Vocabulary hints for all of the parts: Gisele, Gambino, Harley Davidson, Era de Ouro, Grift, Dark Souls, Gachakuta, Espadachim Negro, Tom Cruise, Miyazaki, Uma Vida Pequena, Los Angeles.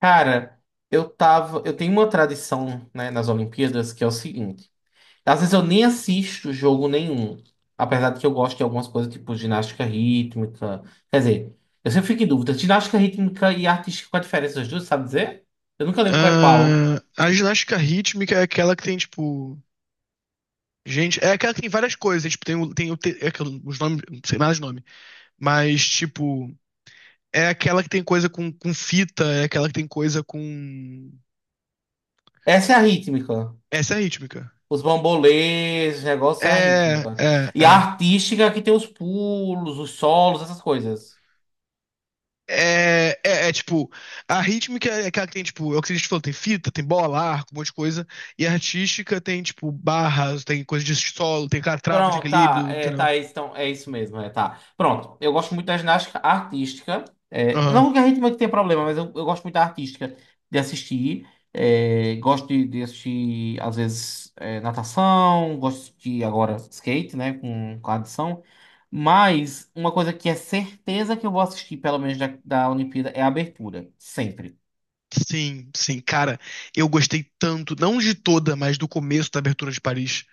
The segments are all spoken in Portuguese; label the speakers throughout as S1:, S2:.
S1: Cara, eu tava. eu tenho uma tradição, né, nas Olimpíadas que é o seguinte. Às vezes eu nem assisto jogo nenhum. Apesar de que eu gosto de algumas coisas tipo ginástica rítmica. Quer dizer, eu sempre fico em dúvida. Ginástica rítmica e artística, qual a diferença das duas, sabe dizer? Eu nunca lembro qual é qual.
S2: A ginástica rítmica é aquela que tem, tipo. Gente, é aquela que tem várias coisas. Tipo, tem, o- tem o te- é aquele- os nomes, não sei mais os nomes. Mas, tipo, é aquela que tem coisa com fita, é aquela que tem coisa com.
S1: Essa é a rítmica.
S2: Essa é a rítmica.
S1: Os bambolês, os negócios é a
S2: É,
S1: rítmica.
S2: é,
S1: E a
S2: é.
S1: artística é que tem os pulos, os solos, essas coisas.
S2: É, é, é, tipo, a rítmica é aquela que tem, tipo, é o que a gente falou, tem fita, tem bola, arco, um monte de coisa. E a artística tem, tipo, barras, tem coisa de solo, tem aquela trava de
S1: Pronto,
S2: equilíbrio, entendeu?
S1: tá, é isso, então, é isso mesmo, é, tá. Pronto, eu gosto muito da ginástica artística, é, não que a gente não tenha problema, mas eu gosto muito da artística, de assistir, é, gosto de assistir, às vezes, é, natação, gosto de, agora, skate, né, com a adição, mas uma coisa que é certeza que eu vou assistir, pelo menos da Olimpíada, é a abertura, sempre.
S2: Sim, sim, cara, eu gostei tanto, não de toda, mas do começo da abertura de Paris.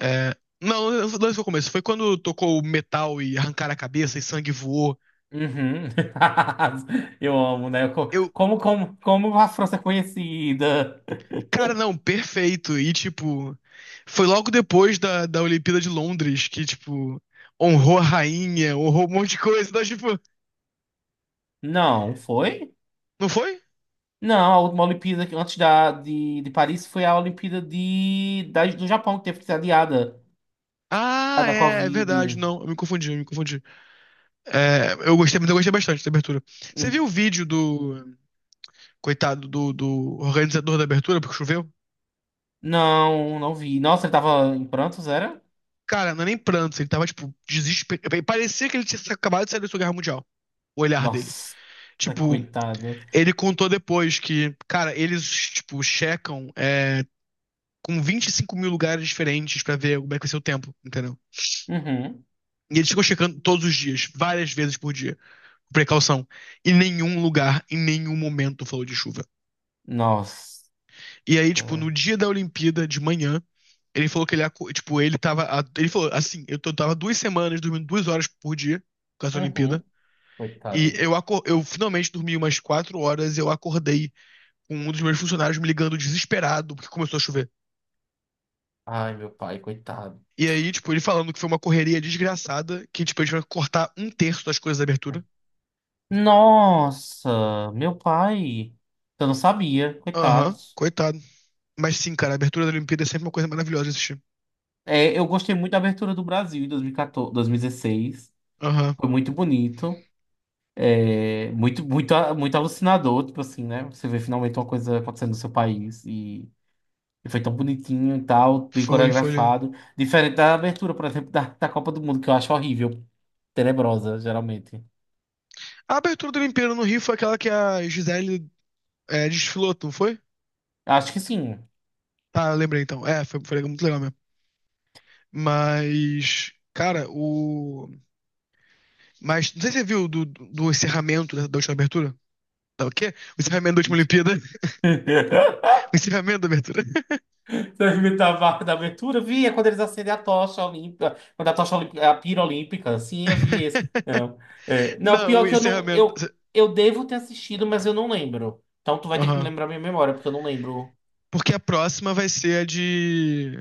S2: É, não, não foi o começo, foi quando tocou o metal e arrancaram a cabeça e sangue voou.
S1: Uhum. Eu amo, né, Co-
S2: Eu,
S1: como, como, como a França é conhecida...
S2: cara, não, perfeito. E tipo, foi logo depois da Olimpíada de Londres que, tipo, honrou a rainha, honrou um monte de coisa. Então, tipo,
S1: Não, foi?
S2: não foi?
S1: Não, a última Olimpíada que antes de Paris foi a Olimpíada do Japão, que teve que ser adiada, a
S2: Ah,
S1: da
S2: é
S1: Covid.
S2: verdade, não, eu me confundi, eu me confundi. É, eu gostei, mas eu gostei bastante da abertura. Você viu
S1: Hum.
S2: o vídeo do coitado do organizador da abertura, porque choveu.
S1: Não, não vi. Nossa, ele tava em prantos, era?
S2: Cara, não é nem prantos, ele tava, tipo, desesperado. Parecia que ele tinha acabado de sair da Segunda Guerra Mundial. O olhar dele.
S1: Nossa,
S2: Tipo,
S1: coitado.
S2: ele contou depois que, cara, eles, tipo, checam, com 25 mil lugares diferentes pra ver como é que vai ser o tempo, entendeu?
S1: Uhum.
S2: E eles ficam checando todos os dias, várias vezes por dia, com precaução. E nenhum lugar, em nenhum momento, falou de chuva.
S1: Nossa.
S2: E aí, tipo, no dia da Olimpíada, de manhã, ele falou que ele, tipo, ele tava, ele falou assim, tava 2 semanas dormindo 2 horas por dia por causa da Olimpíada,
S1: Uhum.
S2: e
S1: Coitado.
S2: eu finalmente dormi umas 4 horas e eu acordei com um dos meus funcionários me ligando desesperado porque começou a chover.
S1: Ai, meu pai, coitado.
S2: E aí, tipo, ele falando que foi uma correria desgraçada, que, tipo, a gente vai cortar um terço das coisas da abertura.
S1: Nossa, meu pai. Eu não sabia,
S2: Aham,
S1: coitados.
S2: coitado. Mas sim, cara, a abertura da Olimpíada é sempre uma coisa maravilhosa de assistir.
S1: É, eu gostei muito da abertura do Brasil em 2016.
S2: Aham,
S1: Foi muito bonito, é, muito, muito, muito alucinador, tipo assim, né? Você vê finalmente uma coisa acontecendo no seu país e foi tão bonitinho e tal, bem
S2: foi lindo.
S1: coreografado. Diferente da abertura, por exemplo, da Copa do Mundo, que eu acho horrível, tenebrosa, geralmente.
S2: A abertura da Olimpíada no Rio foi aquela que a Gisele. É, desfilou, não foi?
S1: Acho que sim.
S2: Tá, lembrei então. É, foi muito legal mesmo. Mas, cara, o. Mas, não sei se você viu do encerramento da última abertura. Tá, o quê? O encerramento da última Olimpíada. O encerramento da abertura.
S1: Da, da marca da abertura, vi, é quando eles acendem a tocha olímpica, quando a tocha olímpica, a pira olímpica, sim, eu vi esse. Não, é, não,
S2: Não, o
S1: pior que eu não,
S2: encerramento.
S1: eu, eu devo ter assistido, mas eu não lembro. Então tu vai ter que me
S2: Aham.
S1: lembrar minha memória, porque eu não lembro.
S2: Porque a próxima vai ser a de.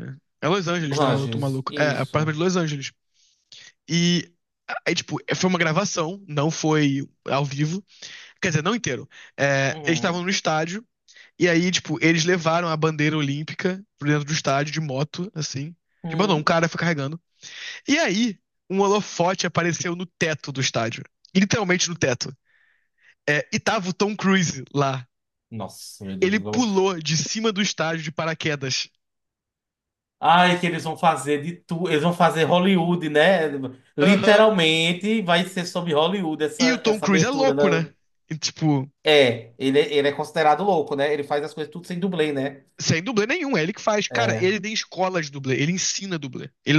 S2: É Los
S1: Os
S2: Angeles, não é? Eu tô
S1: Anjos.
S2: maluco. É, a
S1: Isso.
S2: próxima é de Los Angeles. E. Aí, tipo, foi uma gravação, não foi ao vivo. Quer dizer, não inteiro. É, eles estavam
S1: Uhum.
S2: no estádio. E aí, tipo, eles levaram a bandeira olímpica pro dentro do estádio de moto, assim. De moto, não, um
S1: Uhum.
S2: cara foi carregando. E aí, um holofote apareceu no teto do estádio. Literalmente no teto. É, e tava o Tom Cruise lá.
S1: Nossa, meu
S2: Ele
S1: Deus, vão...
S2: pulou de cima do estádio de paraquedas.
S1: Ai, que eles vão fazer de tudo, eles vão fazer Hollywood, né?
S2: Aham. Uhum.
S1: Literalmente vai ser sobre Hollywood
S2: E o
S1: essa,
S2: Tom
S1: essa
S2: Cruise é
S1: abertura
S2: louco,
S1: da...
S2: né? E, tipo,
S1: É, ele, é, ele é considerado louco, né? Ele faz as coisas tudo sem dublê, né?
S2: sem dublê nenhum, é ele que faz. Cara,
S1: É.
S2: ele tem escola de dublê, ele ensina dublê. Ele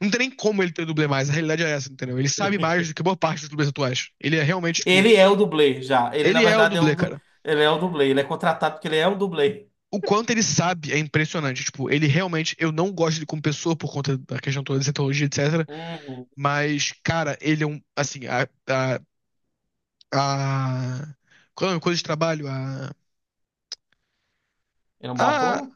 S2: não tem nem como ele ter dublê mais, a realidade é essa, entendeu? Ele sabe mais do que boa parte dos dublês atuais. Ele é realmente, tipo.
S1: Ele é o dublê já. Ele, na
S2: Ele é o
S1: verdade, é o
S2: dublê,
S1: du...
S2: cara.
S1: ele é o dublê. Ele é contratado porque ele é o dublê.
S2: O quanto ele sabe é impressionante. Tipo, ele realmente. Eu não gosto dele como pessoa por conta da questão toda de cientologia, etc.
S1: Uhum.
S2: Mas, cara, ele é um. Assim, a, a qual é o coisa de trabalho? A.
S1: Ele é um bom
S2: a
S1: ator?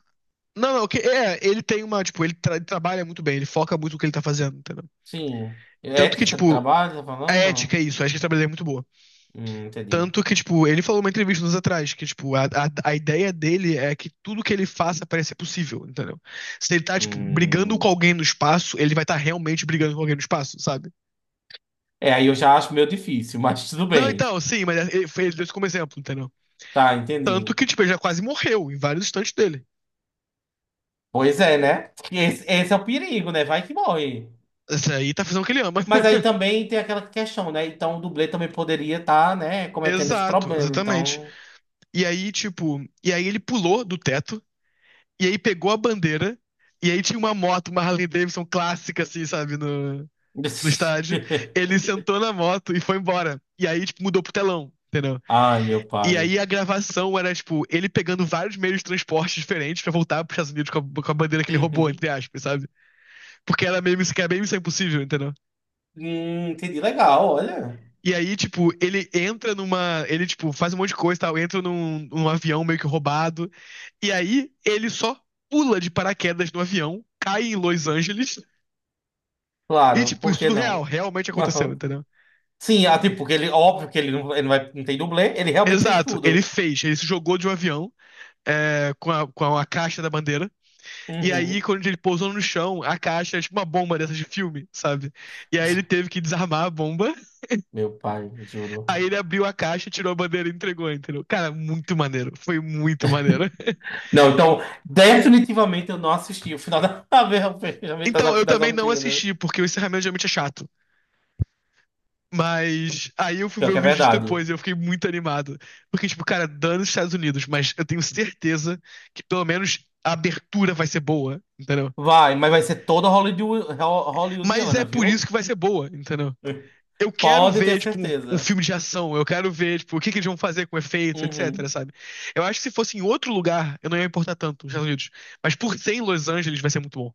S2: Não, não, ele tem uma. Tipo, ele trabalha muito bem, ele foca muito no que ele tá fazendo, entendeu?
S1: Sim. É
S2: Tanto que,
S1: ética de
S2: tipo,
S1: trabalho, tá
S2: a
S1: falando?
S2: ética é isso, a ética de trabalho é muito boa.
S1: Entendi.
S2: Tanto que, tipo, ele falou numa entrevista uns anos atrás que, tipo, a ideia dele é que tudo que ele faça parece possível, entendeu? Se ele tá, tipo, brigando com
S1: Hum.
S2: alguém no espaço, ele vai estar tá realmente brigando com alguém no espaço, sabe?
S1: É, aí eu já acho meio difícil, mas tudo
S2: Não,
S1: bem.
S2: então, sim, mas ele, ele deu isso como exemplo, entendeu?
S1: Tá,
S2: Tanto
S1: entendi.
S2: que, tipo, ele já quase morreu em vários instantes dele.
S1: Pois é, né? Esse é o perigo, né? Vai que morre.
S2: Esse aí tá fazendo o que ele ama.
S1: Mas aí também tem aquela questão, né? Então o dublê também poderia estar, né, cometendo esse
S2: Exato,
S1: problema.
S2: exatamente.
S1: Então.
S2: E aí, tipo, e aí ele pulou do teto, e aí pegou a bandeira, e aí tinha uma moto, uma Harley Davidson clássica, assim, sabe? No... Do estádio, ele sentou na moto e foi embora. E aí, tipo, mudou pro telão, entendeu?
S1: Ai, meu
S2: E
S1: pai.
S2: aí a gravação era, tipo, ele pegando vários meios de transporte diferentes pra voltar pros Estados Unidos com a bandeira que ele roubou,
S1: Uhum.
S2: entre aspas, sabe? Porque era meio que era bem missão impossível, entendeu?
S1: Entendi. Legal, olha.
S2: E aí, tipo, ele entra numa. Ele, tipo, faz um monte de coisa e tal, entra num avião meio que roubado. E aí, ele só pula de paraquedas no avião, cai em Los Angeles. E,
S1: Claro,
S2: tipo,
S1: por
S2: isso
S1: que
S2: tudo
S1: não?
S2: realmente aconteceu,
S1: Aham.
S2: entendeu?
S1: Sim, ah, tipo, que ele, óbvio que ele não, vai, não tem dublê, ele realmente fez
S2: Exato, ele
S1: tudo.
S2: fez, ele se jogou de um avião com a caixa da bandeira. E aí,
S1: Uhum.
S2: quando ele pousou no chão, a caixa é tipo uma bomba dessas de filme, sabe? E aí ele teve que desarmar a bomba,
S1: Meu pai, juro.
S2: aí ele abriu a caixa, tirou a bandeira e entregou, entendeu? Cara, muito maneiro. Foi muito maneiro.
S1: Não, então, definitivamente eu não assisti o final da, da- da-
S2: Então, eu
S1: das
S2: também não
S1: Olimpíadas.
S2: assisti, porque o encerramento geralmente é chato. Mas aí eu fui
S1: Pior
S2: ver o
S1: que é
S2: vídeo disso
S1: verdade.
S2: depois e eu fiquei muito animado. Porque, tipo, cara, dando os Estados Unidos, mas eu tenho certeza que pelo menos a abertura vai ser boa, entendeu?
S1: Vai, mas vai ser toda Hollywood, ho-
S2: Mas é
S1: hollywoodiana,
S2: por
S1: viu?
S2: isso que vai ser boa, entendeu? Eu quero
S1: Pode ter
S2: ver, tipo, um
S1: certeza.
S2: filme de ação, eu quero ver, tipo, o que, que eles vão fazer com efeitos, etc,
S1: Uhum.
S2: sabe? Eu acho que se fosse em outro lugar, eu não ia importar tanto, nos Estados Unidos. Mas por ser em Los Angeles, vai ser muito bom.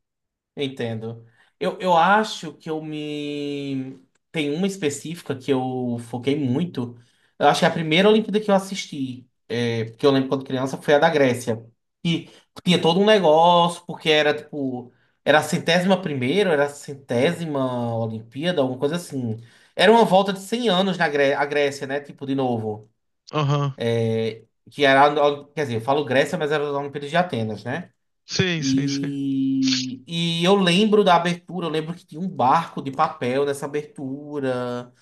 S1: Entendo. Eu acho que eu me. Tem uma específica que eu foquei muito. Eu acho que a primeira Olimpíada que eu assisti, é, porque eu lembro quando criança, foi a da Grécia. E tinha todo um negócio, porque era tipo. Era a 101ª, era a 100ª Olimpíada, alguma coisa assim. Era uma volta de 100 anos na Gré a Grécia, né? Tipo, de novo.
S2: Aham.
S1: Que era. A- Quer dizer, eu falo Grécia, mas era as Olimpíadas de Atenas, né?
S2: Sim, sim, sim.
S1: E eu lembro da abertura, eu lembro que tinha um barco de papel nessa abertura.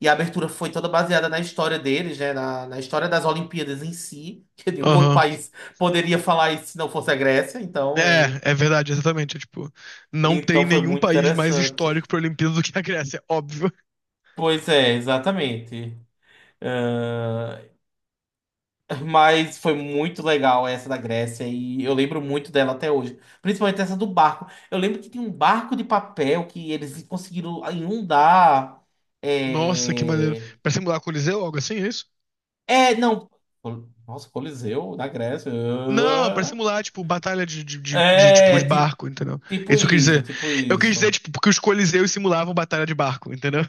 S1: E a abertura foi toda baseada na história deles, né? Na história das Olimpíadas em si, que nenhum outro
S2: Aham.
S1: país poderia falar isso se não fosse a Grécia. Então,
S2: É verdade, exatamente. É, tipo, não tem
S1: então foi
S2: nenhum
S1: muito
S2: país mais histórico
S1: interessante.
S2: pra Olimpíada do que a Grécia, óbvio.
S1: Pois é, exatamente. Ah, mas foi muito legal essa da Grécia e eu lembro muito dela até hoje. Principalmente essa do barco. Eu lembro que tem um barco de papel que eles conseguiram inundar.
S2: Nossa, que maneiro.
S1: É,
S2: Pra simular Coliseu, algo assim, é isso?
S1: é não. Col- Nossa, Coliseu da Grécia.
S2: Não, pra
S1: Ah.
S2: simular, tipo, batalha tipo,
S1: É,
S2: de
S1: tipo,
S2: barco, entendeu? É
S1: tipo
S2: isso que eu quis
S1: isso,
S2: dizer.
S1: tipo
S2: Eu quis dizer,
S1: isso.
S2: tipo, porque os Coliseus simulavam batalha de barco, entendeu?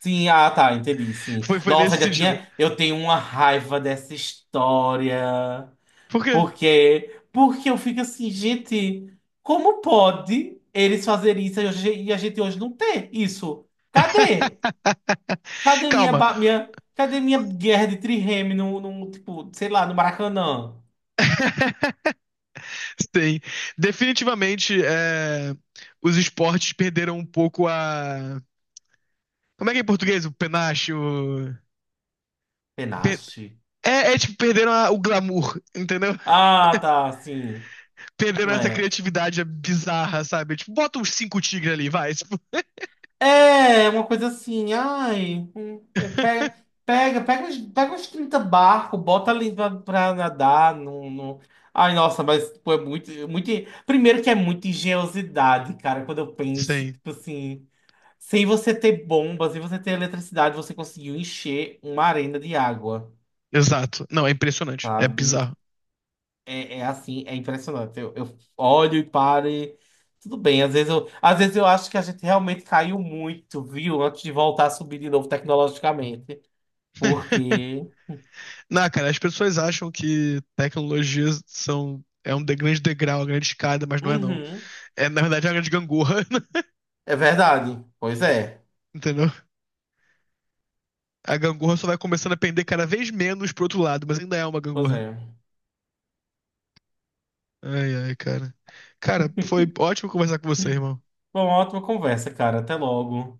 S1: Sim, ah, tá, entendi, sim.
S2: Foi
S1: Nossa,
S2: nesse
S1: já
S2: sentido.
S1: tinha. Eu tenho uma raiva dessa história.
S2: Por quê?
S1: Porque, porque eu fico assim, gente, como pode eles fazerem isso e hoje- e a gente hoje não ter isso? Cadê? Cadê minha,
S2: Calma.
S1: ba- minha, cadê minha guerra de trireme no, no, tipo, sei lá, no Maracanã?
S2: Sim. Definitivamente, os esportes perderam um pouco a. Como é que é em português? O penacho. O. pe-
S1: Penache?
S2: é tipo, perderam o glamour, entendeu?
S1: Ah, tá, sim.
S2: Perderam essa
S1: É.
S2: criatividade bizarra, sabe? Tipo, bota uns cinco tigres ali, vai. Tipo,
S1: É, uma coisa assim, ai, é, pega, pega, pega uns 30 barcos, bota ali pra, pra nadar, não, não... Ai, nossa, mas, pô, é muito... Primeiro que é muita engenhosidade, cara, quando eu penso,
S2: Sim,
S1: tipo assim, sem você ter bomba, sem você ter eletricidade, você conseguiu encher uma arena de água,
S2: exato. Não, é impressionante. É
S1: sabe?
S2: bizarro.
S1: É, é assim, é impressionante. Eu olho e paro e tudo bem. Às vezes eu acho que a gente realmente caiu muito, viu? Antes de voltar a subir de novo tecnologicamente. Porque.
S2: Não, cara, as pessoas acham que tecnologias são um grande degrau, uma grande escada, mas não é não.
S1: Uhum.
S2: É, na verdade, é uma grande gangorra,
S1: É verdade. Pois é.
S2: entendeu? A gangorra só vai começando a pender cada vez menos pro outro lado, mas ainda é uma
S1: Pois
S2: gangorra.
S1: é.
S2: Ai, ai, cara. Cara, foi ótimo conversar com você, irmão.
S1: Bom, ótima conversa, cara. Até logo.